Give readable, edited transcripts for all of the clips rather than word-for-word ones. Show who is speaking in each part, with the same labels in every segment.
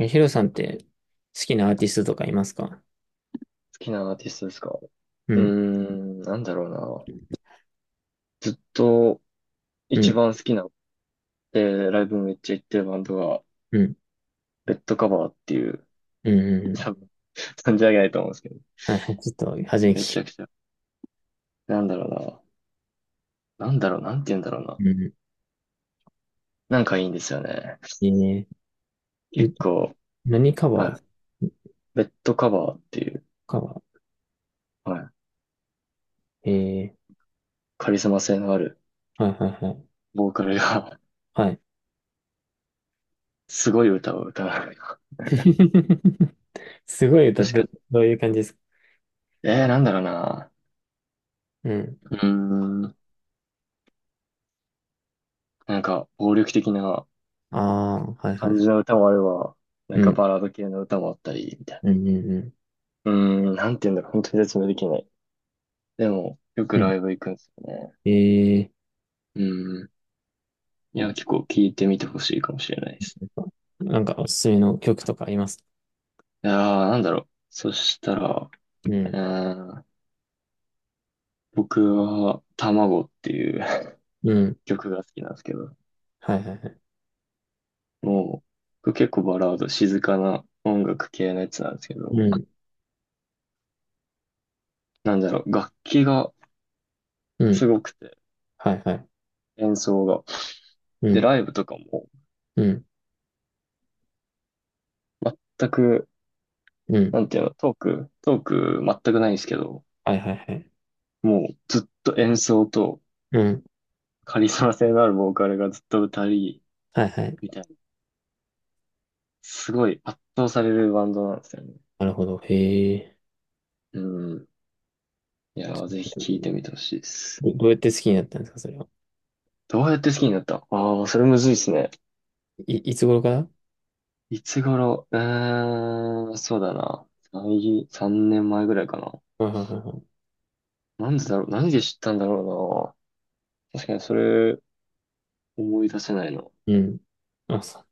Speaker 1: え、ヒロさんって好きなアーティストとかいますか？
Speaker 2: きなアーティストですか
Speaker 1: うん、
Speaker 2: なんだろうな。ずっと
Speaker 1: う
Speaker 2: 一
Speaker 1: ん、
Speaker 2: 番好きな、ライブめっちゃ行ってるバンドが、
Speaker 1: うん、
Speaker 2: レッドカバーっていう、
Speaker 1: うん、うんうん。
Speaker 2: 多分、存じ上げないと思うんですけど、
Speaker 1: はい、はい、ちょっと初めに聞
Speaker 2: めち
Speaker 1: き、
Speaker 2: ゃくちゃ。なんだろうな。なんだろう、なんて言うんだろうな。
Speaker 1: うん、
Speaker 2: なんかいいんですよね。
Speaker 1: いいね。
Speaker 2: 結
Speaker 1: ゆ
Speaker 2: 構、
Speaker 1: 何カバ
Speaker 2: は
Speaker 1: ー？
Speaker 2: い。レッドカバーっていう、
Speaker 1: カバ
Speaker 2: はい。
Speaker 1: ー、
Speaker 2: カリスマ性のある
Speaker 1: はい、はい、はい。
Speaker 2: ボーカルが
Speaker 1: はい。
Speaker 2: すごい歌を歌う。確
Speaker 1: すごい歌って、
Speaker 2: か、
Speaker 1: どういう感じですか？
Speaker 2: なんだろうな。
Speaker 1: うん。
Speaker 2: うーん、なんか、暴力的な、
Speaker 1: ああ、はい、は
Speaker 2: 感じ
Speaker 1: い。
Speaker 2: の歌もあれば、なん
Speaker 1: う
Speaker 2: か
Speaker 1: ん、
Speaker 2: バラード系の歌もあったり、みたい
Speaker 1: うん、うん、うん。
Speaker 2: な。なんて言うんだろう、本当に説明できない。でも、よく
Speaker 1: うん、
Speaker 2: ライブ行くんですよね。
Speaker 1: え
Speaker 2: うん。いや、結構聞いてみてほしいかもしれないですね。
Speaker 1: ー、なんかおすすめの曲とかあります？
Speaker 2: いやー、なんだろう。そしたら、う
Speaker 1: うん、
Speaker 2: ーん、僕は、卵っていう
Speaker 1: う ん、
Speaker 2: 曲が好きなんですけど、
Speaker 1: はい、はい、はい。
Speaker 2: もう、僕結構バラード、静かな音楽系のやつなんですけど、
Speaker 1: うん、
Speaker 2: なんだろう、楽器が
Speaker 1: うん、
Speaker 2: すごくて、
Speaker 1: はい、はい。
Speaker 2: 演奏が。
Speaker 1: う
Speaker 2: で、
Speaker 1: ん、
Speaker 2: ライブとかも、
Speaker 1: うん、
Speaker 2: 全く
Speaker 1: うん、
Speaker 2: なんていうの、トーク全くないんですけど、
Speaker 1: はい、はい、はい。
Speaker 2: もうずっと演奏と
Speaker 1: うん、
Speaker 2: カリスマ性のあるボーカルがずっと歌い、
Speaker 1: はいはい。
Speaker 2: みたいな、すごい圧倒されるバンドなんですよね。
Speaker 1: なるほど。へえ。
Speaker 2: うん。いやー、ぜひ聴いてみてほしいです。
Speaker 1: どうやって好きになったんですか、それは。
Speaker 2: どうやって好きになったああー、それむずいですね。
Speaker 1: いつ頃から？
Speaker 2: いつ頃うーん、そうだな。3年前ぐらいかな。
Speaker 1: はいはいはいは
Speaker 2: なんでだろう、何で知ったんだろうな。確かにそれ思い出せないの。
Speaker 1: い。うん。あ、そ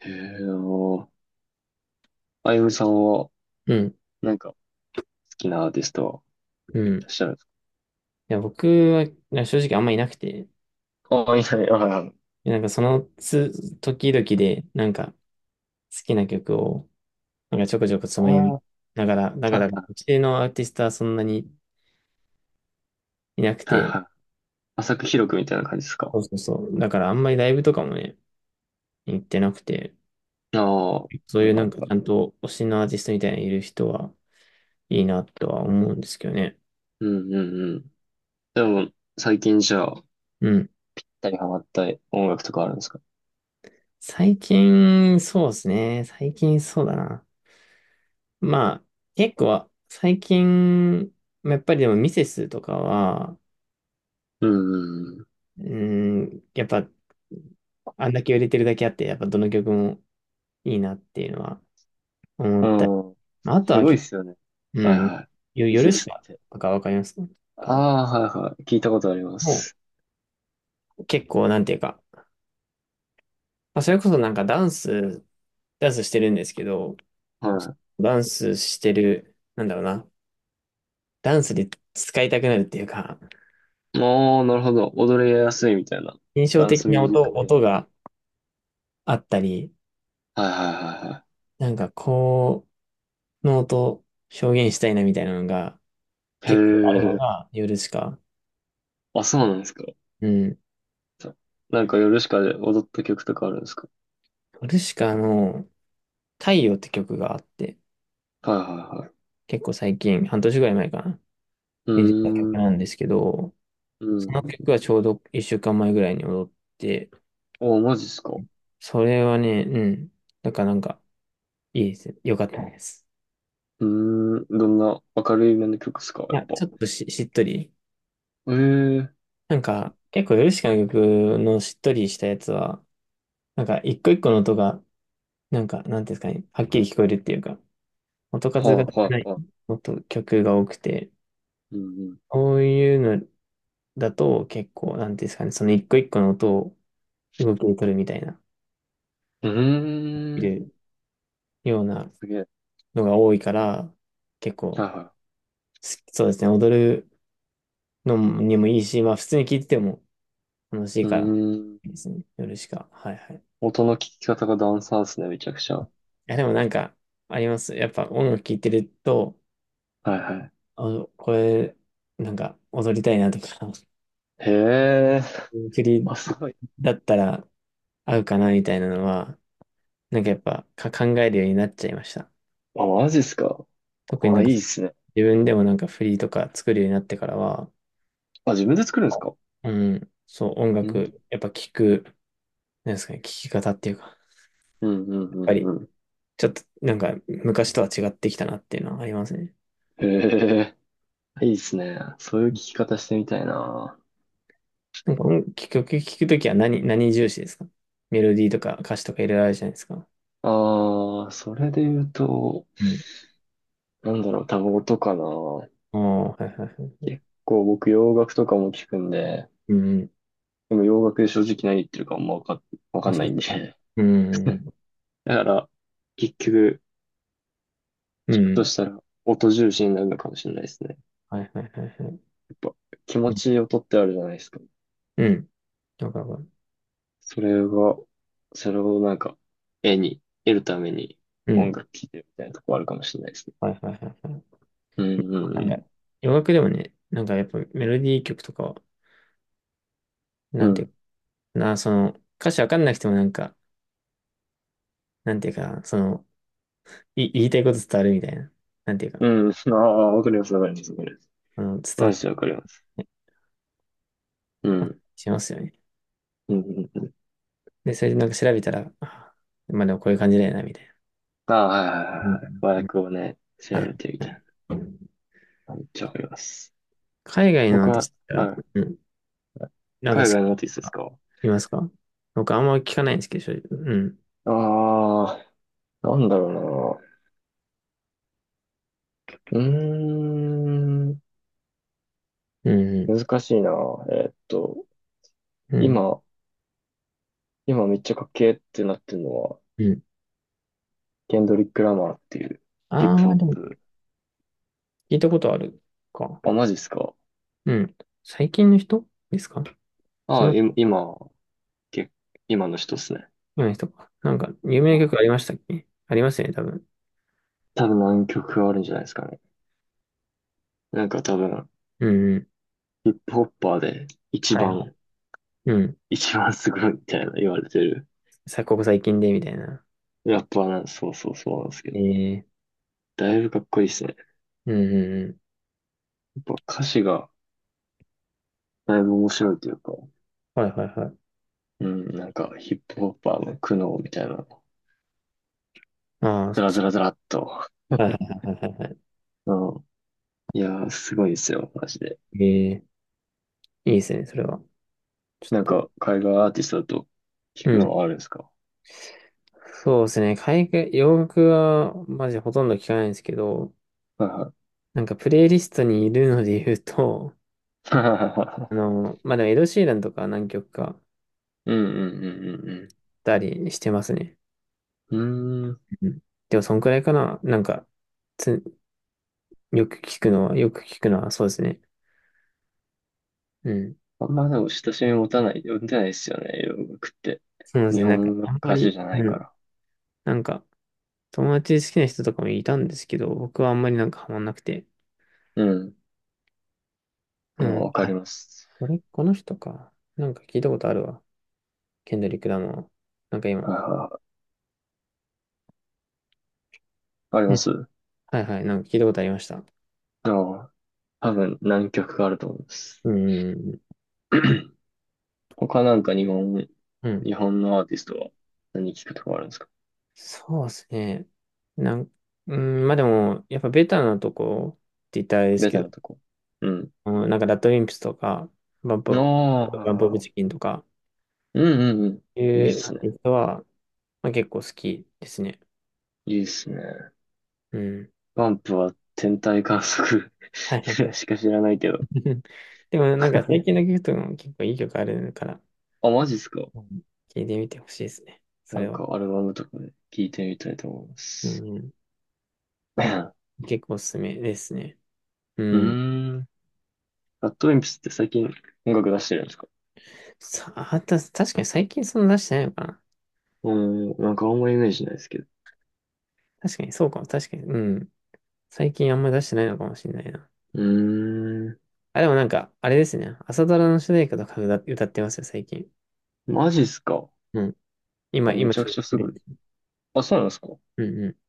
Speaker 2: へえ、あのあゆむさんは、
Speaker 1: う。うん。
Speaker 2: なんか、好きなアーティスト
Speaker 1: うん。い
Speaker 2: 知らないですか
Speaker 1: や、僕はな正直あんまいなくて、
Speaker 2: ああ、いない、ああ、
Speaker 1: でなんかその時々で、なんか好きな曲を、なんかちょこちょこつ
Speaker 2: あ
Speaker 1: ま
Speaker 2: あ、
Speaker 1: み
Speaker 2: は
Speaker 1: ながら、だ
Speaker 2: い
Speaker 1: から、
Speaker 2: はい。
Speaker 1: うちのアーティストはそんなにいなく
Speaker 2: はい
Speaker 1: て、
Speaker 2: はい。浅く広くみたいな感じですか
Speaker 1: そうそうそう。だからあんまりライブとかもね、行ってなくて、
Speaker 2: ああ、は
Speaker 1: そ
Speaker 2: い
Speaker 1: ういう
Speaker 2: は
Speaker 1: なん
Speaker 2: い
Speaker 1: か
Speaker 2: は
Speaker 1: ち
Speaker 2: い。
Speaker 1: ゃんと推しのアーティストみたいにいる人はいいなとは思うんですけどね。
Speaker 2: うんうんうん。でも、最近じゃあ、
Speaker 1: うん。
Speaker 2: 二人ハマった音楽とかあるんですか
Speaker 1: 最近、そうですね。最近そうだな。まあ、結構、最近、やっぱりでもミセスとかは、
Speaker 2: うんうん
Speaker 1: うーやっぱ、あんだけ売れてるだけあって、やっぱどの曲もいいなっていうのは思
Speaker 2: う
Speaker 1: ったり。
Speaker 2: ん。うん。
Speaker 1: まあ、あと
Speaker 2: す
Speaker 1: は
Speaker 2: ごい
Speaker 1: 結
Speaker 2: っ
Speaker 1: 構、
Speaker 2: すよね。はい
Speaker 1: うん、
Speaker 2: はい。水で
Speaker 1: 夜し
Speaker 2: す
Speaker 1: か、
Speaker 2: って。
Speaker 1: とかわかります
Speaker 2: あ
Speaker 1: か？
Speaker 2: あ、はいはい。聞いたことありま
Speaker 1: も
Speaker 2: す。
Speaker 1: う結構、なんていうか、まあ、それこそなんかダンスしてるんですけど、
Speaker 2: は
Speaker 1: ダンスしてる、なんだろうな、ダンスで使いたくなるっていうか、
Speaker 2: い。もう、なるほど。踊りやすいみたいな。
Speaker 1: 印象
Speaker 2: ダン
Speaker 1: 的
Speaker 2: スミ
Speaker 1: な
Speaker 2: ュージック系
Speaker 1: 音
Speaker 2: の。
Speaker 1: があったり、
Speaker 2: はいはいはいは
Speaker 1: なんかこの音表現したいなみたいなのが
Speaker 2: い。へ
Speaker 1: 結構あるの
Speaker 2: え。
Speaker 1: がヨルシカ。
Speaker 2: あ、そうなんですか。
Speaker 1: うん。
Speaker 2: なんか夜しかで踊った曲とかあるんですか
Speaker 1: ヨルシカの太陽って曲があって、
Speaker 2: はいはいはい。
Speaker 1: 結構最近、半年ぐらい前かな、
Speaker 2: う
Speaker 1: に出た曲
Speaker 2: ーん、
Speaker 1: なんですけど、
Speaker 2: う
Speaker 1: その曲
Speaker 2: ん。
Speaker 1: はちょうど一週間前ぐらいに踊って、
Speaker 2: あマジっすか。う
Speaker 1: それはね、うん。だからなんかいいですよ。よかったです。
Speaker 2: ーん、どんな明るいめの曲っすか、
Speaker 1: い
Speaker 2: やっ
Speaker 1: や、
Speaker 2: ぱ。
Speaker 1: ちょっとしっとり。
Speaker 2: ええー
Speaker 1: なんか結構ヨルシカの曲のしっとりしたやつは、なんか、一個一個の音が、なんか、なんていうんですかね、はっきり聞こえるっていうか、音
Speaker 2: は
Speaker 1: 数が少
Speaker 2: いは
Speaker 1: な
Speaker 2: い
Speaker 1: い
Speaker 2: はい。
Speaker 1: 曲が多くて、
Speaker 2: うん
Speaker 1: そういうのだと結構、なんていうんですかね、その一個一個の音を動きで取るみたいな、
Speaker 2: う
Speaker 1: い
Speaker 2: ん。
Speaker 1: るような
Speaker 2: すげえ。
Speaker 1: のが多いから、結
Speaker 2: は
Speaker 1: 構、
Speaker 2: いは
Speaker 1: そうですね、踊るのにもいいし、まあ、普通に聴いてても楽し
Speaker 2: い。
Speaker 1: いから、いいですね、夜しか。はいはい。い
Speaker 2: 音の聞き方がダンサーっすね、めちゃくちゃ。は
Speaker 1: や、でもなんか、あります。やっぱ音楽聴いてると、
Speaker 2: いはい。
Speaker 1: あ、これ、なんか踊りたいなとか
Speaker 2: へえ、
Speaker 1: 栗
Speaker 2: あ、すごい。
Speaker 1: だったら合うかなみたいなのは、なんかやっぱか考えるようになっちゃいました。
Speaker 2: あ、マジっすか。
Speaker 1: 特にな
Speaker 2: あ、
Speaker 1: ん
Speaker 2: い
Speaker 1: か
Speaker 2: いっすね。
Speaker 1: 自分でもなんかフリーとか作るようになってからは、
Speaker 2: あ、自分で作るんですか。
Speaker 1: うん、そう音
Speaker 2: うん、
Speaker 1: 楽、やっぱ聞く、なんですかね、聞き方っていうか、やっ
Speaker 2: うん、うん、う
Speaker 1: ぱ
Speaker 2: ん、
Speaker 1: り
Speaker 2: うん。
Speaker 1: ちょっとなんか昔とは違ってきたなっていうのはありますね。
Speaker 2: へえ、いいっすね。そういう聞き方してみたいな。
Speaker 1: なんか音聞くときは何重視ですか？メロディーとか歌詞とかいろいろあるじゃないですか。
Speaker 2: ああ、それで言うと、
Speaker 1: うん。
Speaker 2: なんだろう、タバコとかな。
Speaker 1: ああ、はいはいはい。
Speaker 2: 結構僕洋楽とかも聞くんで、
Speaker 1: うん。
Speaker 2: でも洋楽で正直何言ってるかあんまわか、わか
Speaker 1: まあ、
Speaker 2: んな
Speaker 1: そ
Speaker 2: い
Speaker 1: う。
Speaker 2: んで。
Speaker 1: う ん。
Speaker 2: だから、結局、
Speaker 1: う
Speaker 2: 聞くと
Speaker 1: ん。
Speaker 2: したら音重視になるのかもしれないですね。
Speaker 1: はいはいはいはい。
Speaker 2: やっぱ気
Speaker 1: う
Speaker 2: 持
Speaker 1: ん。
Speaker 2: ちいい音ってあるじゃないですか。
Speaker 1: うん。わかるわかる、
Speaker 2: それが、それをなんか、絵に、得るために
Speaker 1: う
Speaker 2: 音
Speaker 1: ん。
Speaker 2: 楽聴いてるみたいなとこあるかもしれないですね。
Speaker 1: はいはいはいはい。
Speaker 2: うんう
Speaker 1: なん
Speaker 2: ん
Speaker 1: か洋楽でもね、なんかやっぱメロディー曲とかは、
Speaker 2: う
Speaker 1: なんていうか
Speaker 2: ん。
Speaker 1: な、その、歌詞わかんなくてもなんか、なんていうかな、その、言いたいこと伝わるみたいな、なんていうか、
Speaker 2: うん。うん。ああ、わかります。
Speaker 1: あの、伝わ
Speaker 2: マ
Speaker 1: っ
Speaker 2: ジ
Speaker 1: て
Speaker 2: でわかります。うん。
Speaker 1: しますよね。
Speaker 2: うんうんうん
Speaker 1: で、それでなんか調べたら、あ、まあでもこういう感じだよな、みたいな。
Speaker 2: ああ、はいはいは
Speaker 1: うん
Speaker 2: いはい。和
Speaker 1: うんうん、
Speaker 2: 訳をね、
Speaker 1: は
Speaker 2: 調
Speaker 1: い
Speaker 2: べてみ
Speaker 1: はい
Speaker 2: たい
Speaker 1: はい、
Speaker 2: な。めっちゃわかります。
Speaker 1: 海外のア
Speaker 2: 僕
Speaker 1: ーティ
Speaker 2: は、
Speaker 1: スト
Speaker 2: は
Speaker 1: が、
Speaker 2: い、
Speaker 1: うん、なんか
Speaker 2: 海外のアーティストですか
Speaker 1: いますか？僕あんま聞かないんですけど、正直うん。
Speaker 2: ああー、なんだろうな。うーん、
Speaker 1: うん
Speaker 2: 難しいな。えーっと、
Speaker 1: うん、うん、
Speaker 2: 今、今めっちゃかっけーってなってるのは、
Speaker 1: うん。
Speaker 2: ケンドリック・ラマーっていうヒップ
Speaker 1: あ
Speaker 2: ホ
Speaker 1: あ、
Speaker 2: ッ
Speaker 1: でも
Speaker 2: プ。
Speaker 1: 聞いたことあるか。
Speaker 2: あ、マジっすか
Speaker 1: うん。最近の人ですか？そ
Speaker 2: ああ、
Speaker 1: の
Speaker 2: け、今の人っすね。
Speaker 1: 前の人か。なんか、有名
Speaker 2: は
Speaker 1: な
Speaker 2: い。
Speaker 1: 曲ありましたっけ？ありますよね、多分。
Speaker 2: 多分何曲かあるんじゃないですかね。なんか多分、
Speaker 1: うんうん。
Speaker 2: ヒップホッパーで一
Speaker 1: はいは
Speaker 2: 番
Speaker 1: い。うん。
Speaker 2: 一番すごいみたいな言われてる。
Speaker 1: ここ最近で、みたいな。
Speaker 2: やっぱな、そうなんですけど。
Speaker 1: え
Speaker 2: だいぶかっこいいですね。や
Speaker 1: うんうんうん。
Speaker 2: っぱ歌詞がだいぶ面白いというか、
Speaker 1: はいはいはい。
Speaker 2: うん、なんかヒップホッパーの苦悩みたいな、
Speaker 1: ああ、は
Speaker 2: ずらずらずらっと。
Speaker 1: いはいは いはいは
Speaker 2: うんいやー、すごいですよ、マジで。
Speaker 1: い。いいですね、それは。ち
Speaker 2: なん
Speaker 1: ょっと。
Speaker 2: か、海外アーティストだと聞く
Speaker 1: う
Speaker 2: の
Speaker 1: ん。
Speaker 2: はあるんですか
Speaker 1: そうですね。海外、洋楽は、マジほとんど聞かないんですけど、
Speaker 2: はい
Speaker 1: なんか、プレイリストにいるので言うと、
Speaker 2: は
Speaker 1: あの、まあ、でも、エド・シーランとか何曲か、
Speaker 2: い。うんうんうん
Speaker 1: たりしてますね。
Speaker 2: うんうん。うーん。
Speaker 1: うん、でも、そんくらいかな。なんか、つ、よく聞くのは、そうですね。うん。
Speaker 2: あんまでも親しみ持たない、持てないですよね、洋楽って。
Speaker 1: そうです
Speaker 2: 日
Speaker 1: ね。なんか、
Speaker 2: 本の
Speaker 1: あんま
Speaker 2: 歌詞
Speaker 1: り、
Speaker 2: じゃない
Speaker 1: う
Speaker 2: か
Speaker 1: ん。
Speaker 2: ら。
Speaker 1: なんか、友達好きな人とかもいたんですけど、僕はあんまりなんかハマんなくて。
Speaker 2: うん。
Speaker 1: う
Speaker 2: まあ、
Speaker 1: ん。
Speaker 2: わかり
Speaker 1: あ、
Speaker 2: ます。
Speaker 1: これ、この人か。なんか聞いたことあるわ。ケンドリック・ラマー。なんか
Speaker 2: あ
Speaker 1: 今。
Speaker 2: ー、あり
Speaker 1: う
Speaker 2: ま
Speaker 1: ん。
Speaker 2: すう
Speaker 1: はいはい。なんか聞いたことありました。
Speaker 2: 多分何曲かあると思います。
Speaker 1: うん。
Speaker 2: 他なんか
Speaker 1: うん。
Speaker 2: 日本のアーティストは何聞くとかあるんですか
Speaker 1: そうですね。なん、うん、まあでも、やっぱベタなとこって言ったらあれです
Speaker 2: ベ
Speaker 1: け
Speaker 2: タ
Speaker 1: ど、
Speaker 2: なとこ。うん。
Speaker 1: うん、なんかラッドウィンプスとか、バン
Speaker 2: あ
Speaker 1: プ、
Speaker 2: あ、はい
Speaker 1: バンプオブチ
Speaker 2: は
Speaker 1: キンとか、
Speaker 2: い。うんうんうん。
Speaker 1: い
Speaker 2: いいっ
Speaker 1: うア
Speaker 2: す
Speaker 1: ー
Speaker 2: ね。
Speaker 1: ティストは、まあ、結構好きですね。
Speaker 2: いいっすね。
Speaker 1: うん。
Speaker 2: バンプは天体観測
Speaker 1: はいはいは い。
Speaker 2: しか知らないけど。
Speaker 1: でもなんか 最近の曲とかも結構いい曲あるから、
Speaker 2: あ、マジっすか
Speaker 1: うん、聞いてみてほしいですね。そ
Speaker 2: な
Speaker 1: れ
Speaker 2: ん
Speaker 1: は。
Speaker 2: かアルバムとかで聞いてみたいと思いま
Speaker 1: う
Speaker 2: す。
Speaker 1: ん。
Speaker 2: う
Speaker 1: 結構おすすめですね。
Speaker 2: ー
Speaker 1: うん。
Speaker 2: ん。ラッドウィンプスって最近音楽出してるんですか
Speaker 1: さあ、確かに最近そんな出してないのかな。
Speaker 2: うーん、なんかあんまイメージないですけど。
Speaker 1: 確かにそうかも。確かに。うん。最近あんまり出してないのかもしれないな。
Speaker 2: うーん。
Speaker 1: あ、でもなんか、あれですね。朝ドラの主題歌とか歌ってますよ、最近。
Speaker 2: マジっすか
Speaker 1: うん、
Speaker 2: あ、め
Speaker 1: 今
Speaker 2: ちゃ
Speaker 1: ち
Speaker 2: く
Speaker 1: ょっ
Speaker 2: ちゃ
Speaker 1: と切
Speaker 2: す
Speaker 1: れ
Speaker 2: ごい。
Speaker 1: て。
Speaker 2: あ、そうなんですか
Speaker 1: うんうん。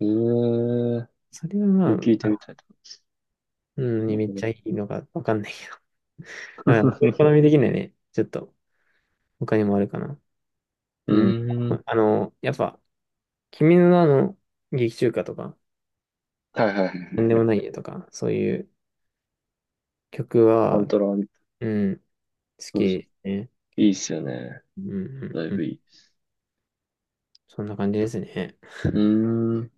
Speaker 2: ええー、
Speaker 1: それは
Speaker 2: それ
Speaker 1: ま
Speaker 2: 聞い
Speaker 1: あ、
Speaker 2: てみたいと
Speaker 1: うん、
Speaker 2: 思
Speaker 1: ね、めっち
Speaker 2: い
Speaker 1: ゃいいのかわかんないけど。
Speaker 2: ま
Speaker 1: うん、好み
Speaker 2: す。
Speaker 1: 的にはね、ちょっと他にもあるかな。
Speaker 2: う
Speaker 1: うん。
Speaker 2: ん うーん。
Speaker 1: あの、やっぱ、君の名の劇中歌とか、
Speaker 2: はいはいは
Speaker 1: なん
Speaker 2: い。
Speaker 1: でもないよとか、そういう曲
Speaker 2: パン
Speaker 1: は、
Speaker 2: トラ、
Speaker 1: うん、好
Speaker 2: そ
Speaker 1: き
Speaker 2: うそ
Speaker 1: で
Speaker 2: う。
Speaker 1: すね。
Speaker 2: いい
Speaker 1: 結
Speaker 2: っ
Speaker 1: 構、
Speaker 2: すよね。
Speaker 1: うんう
Speaker 2: だい
Speaker 1: んうん。
Speaker 2: ぶいい。
Speaker 1: そんな感じですね。
Speaker 2: うーん。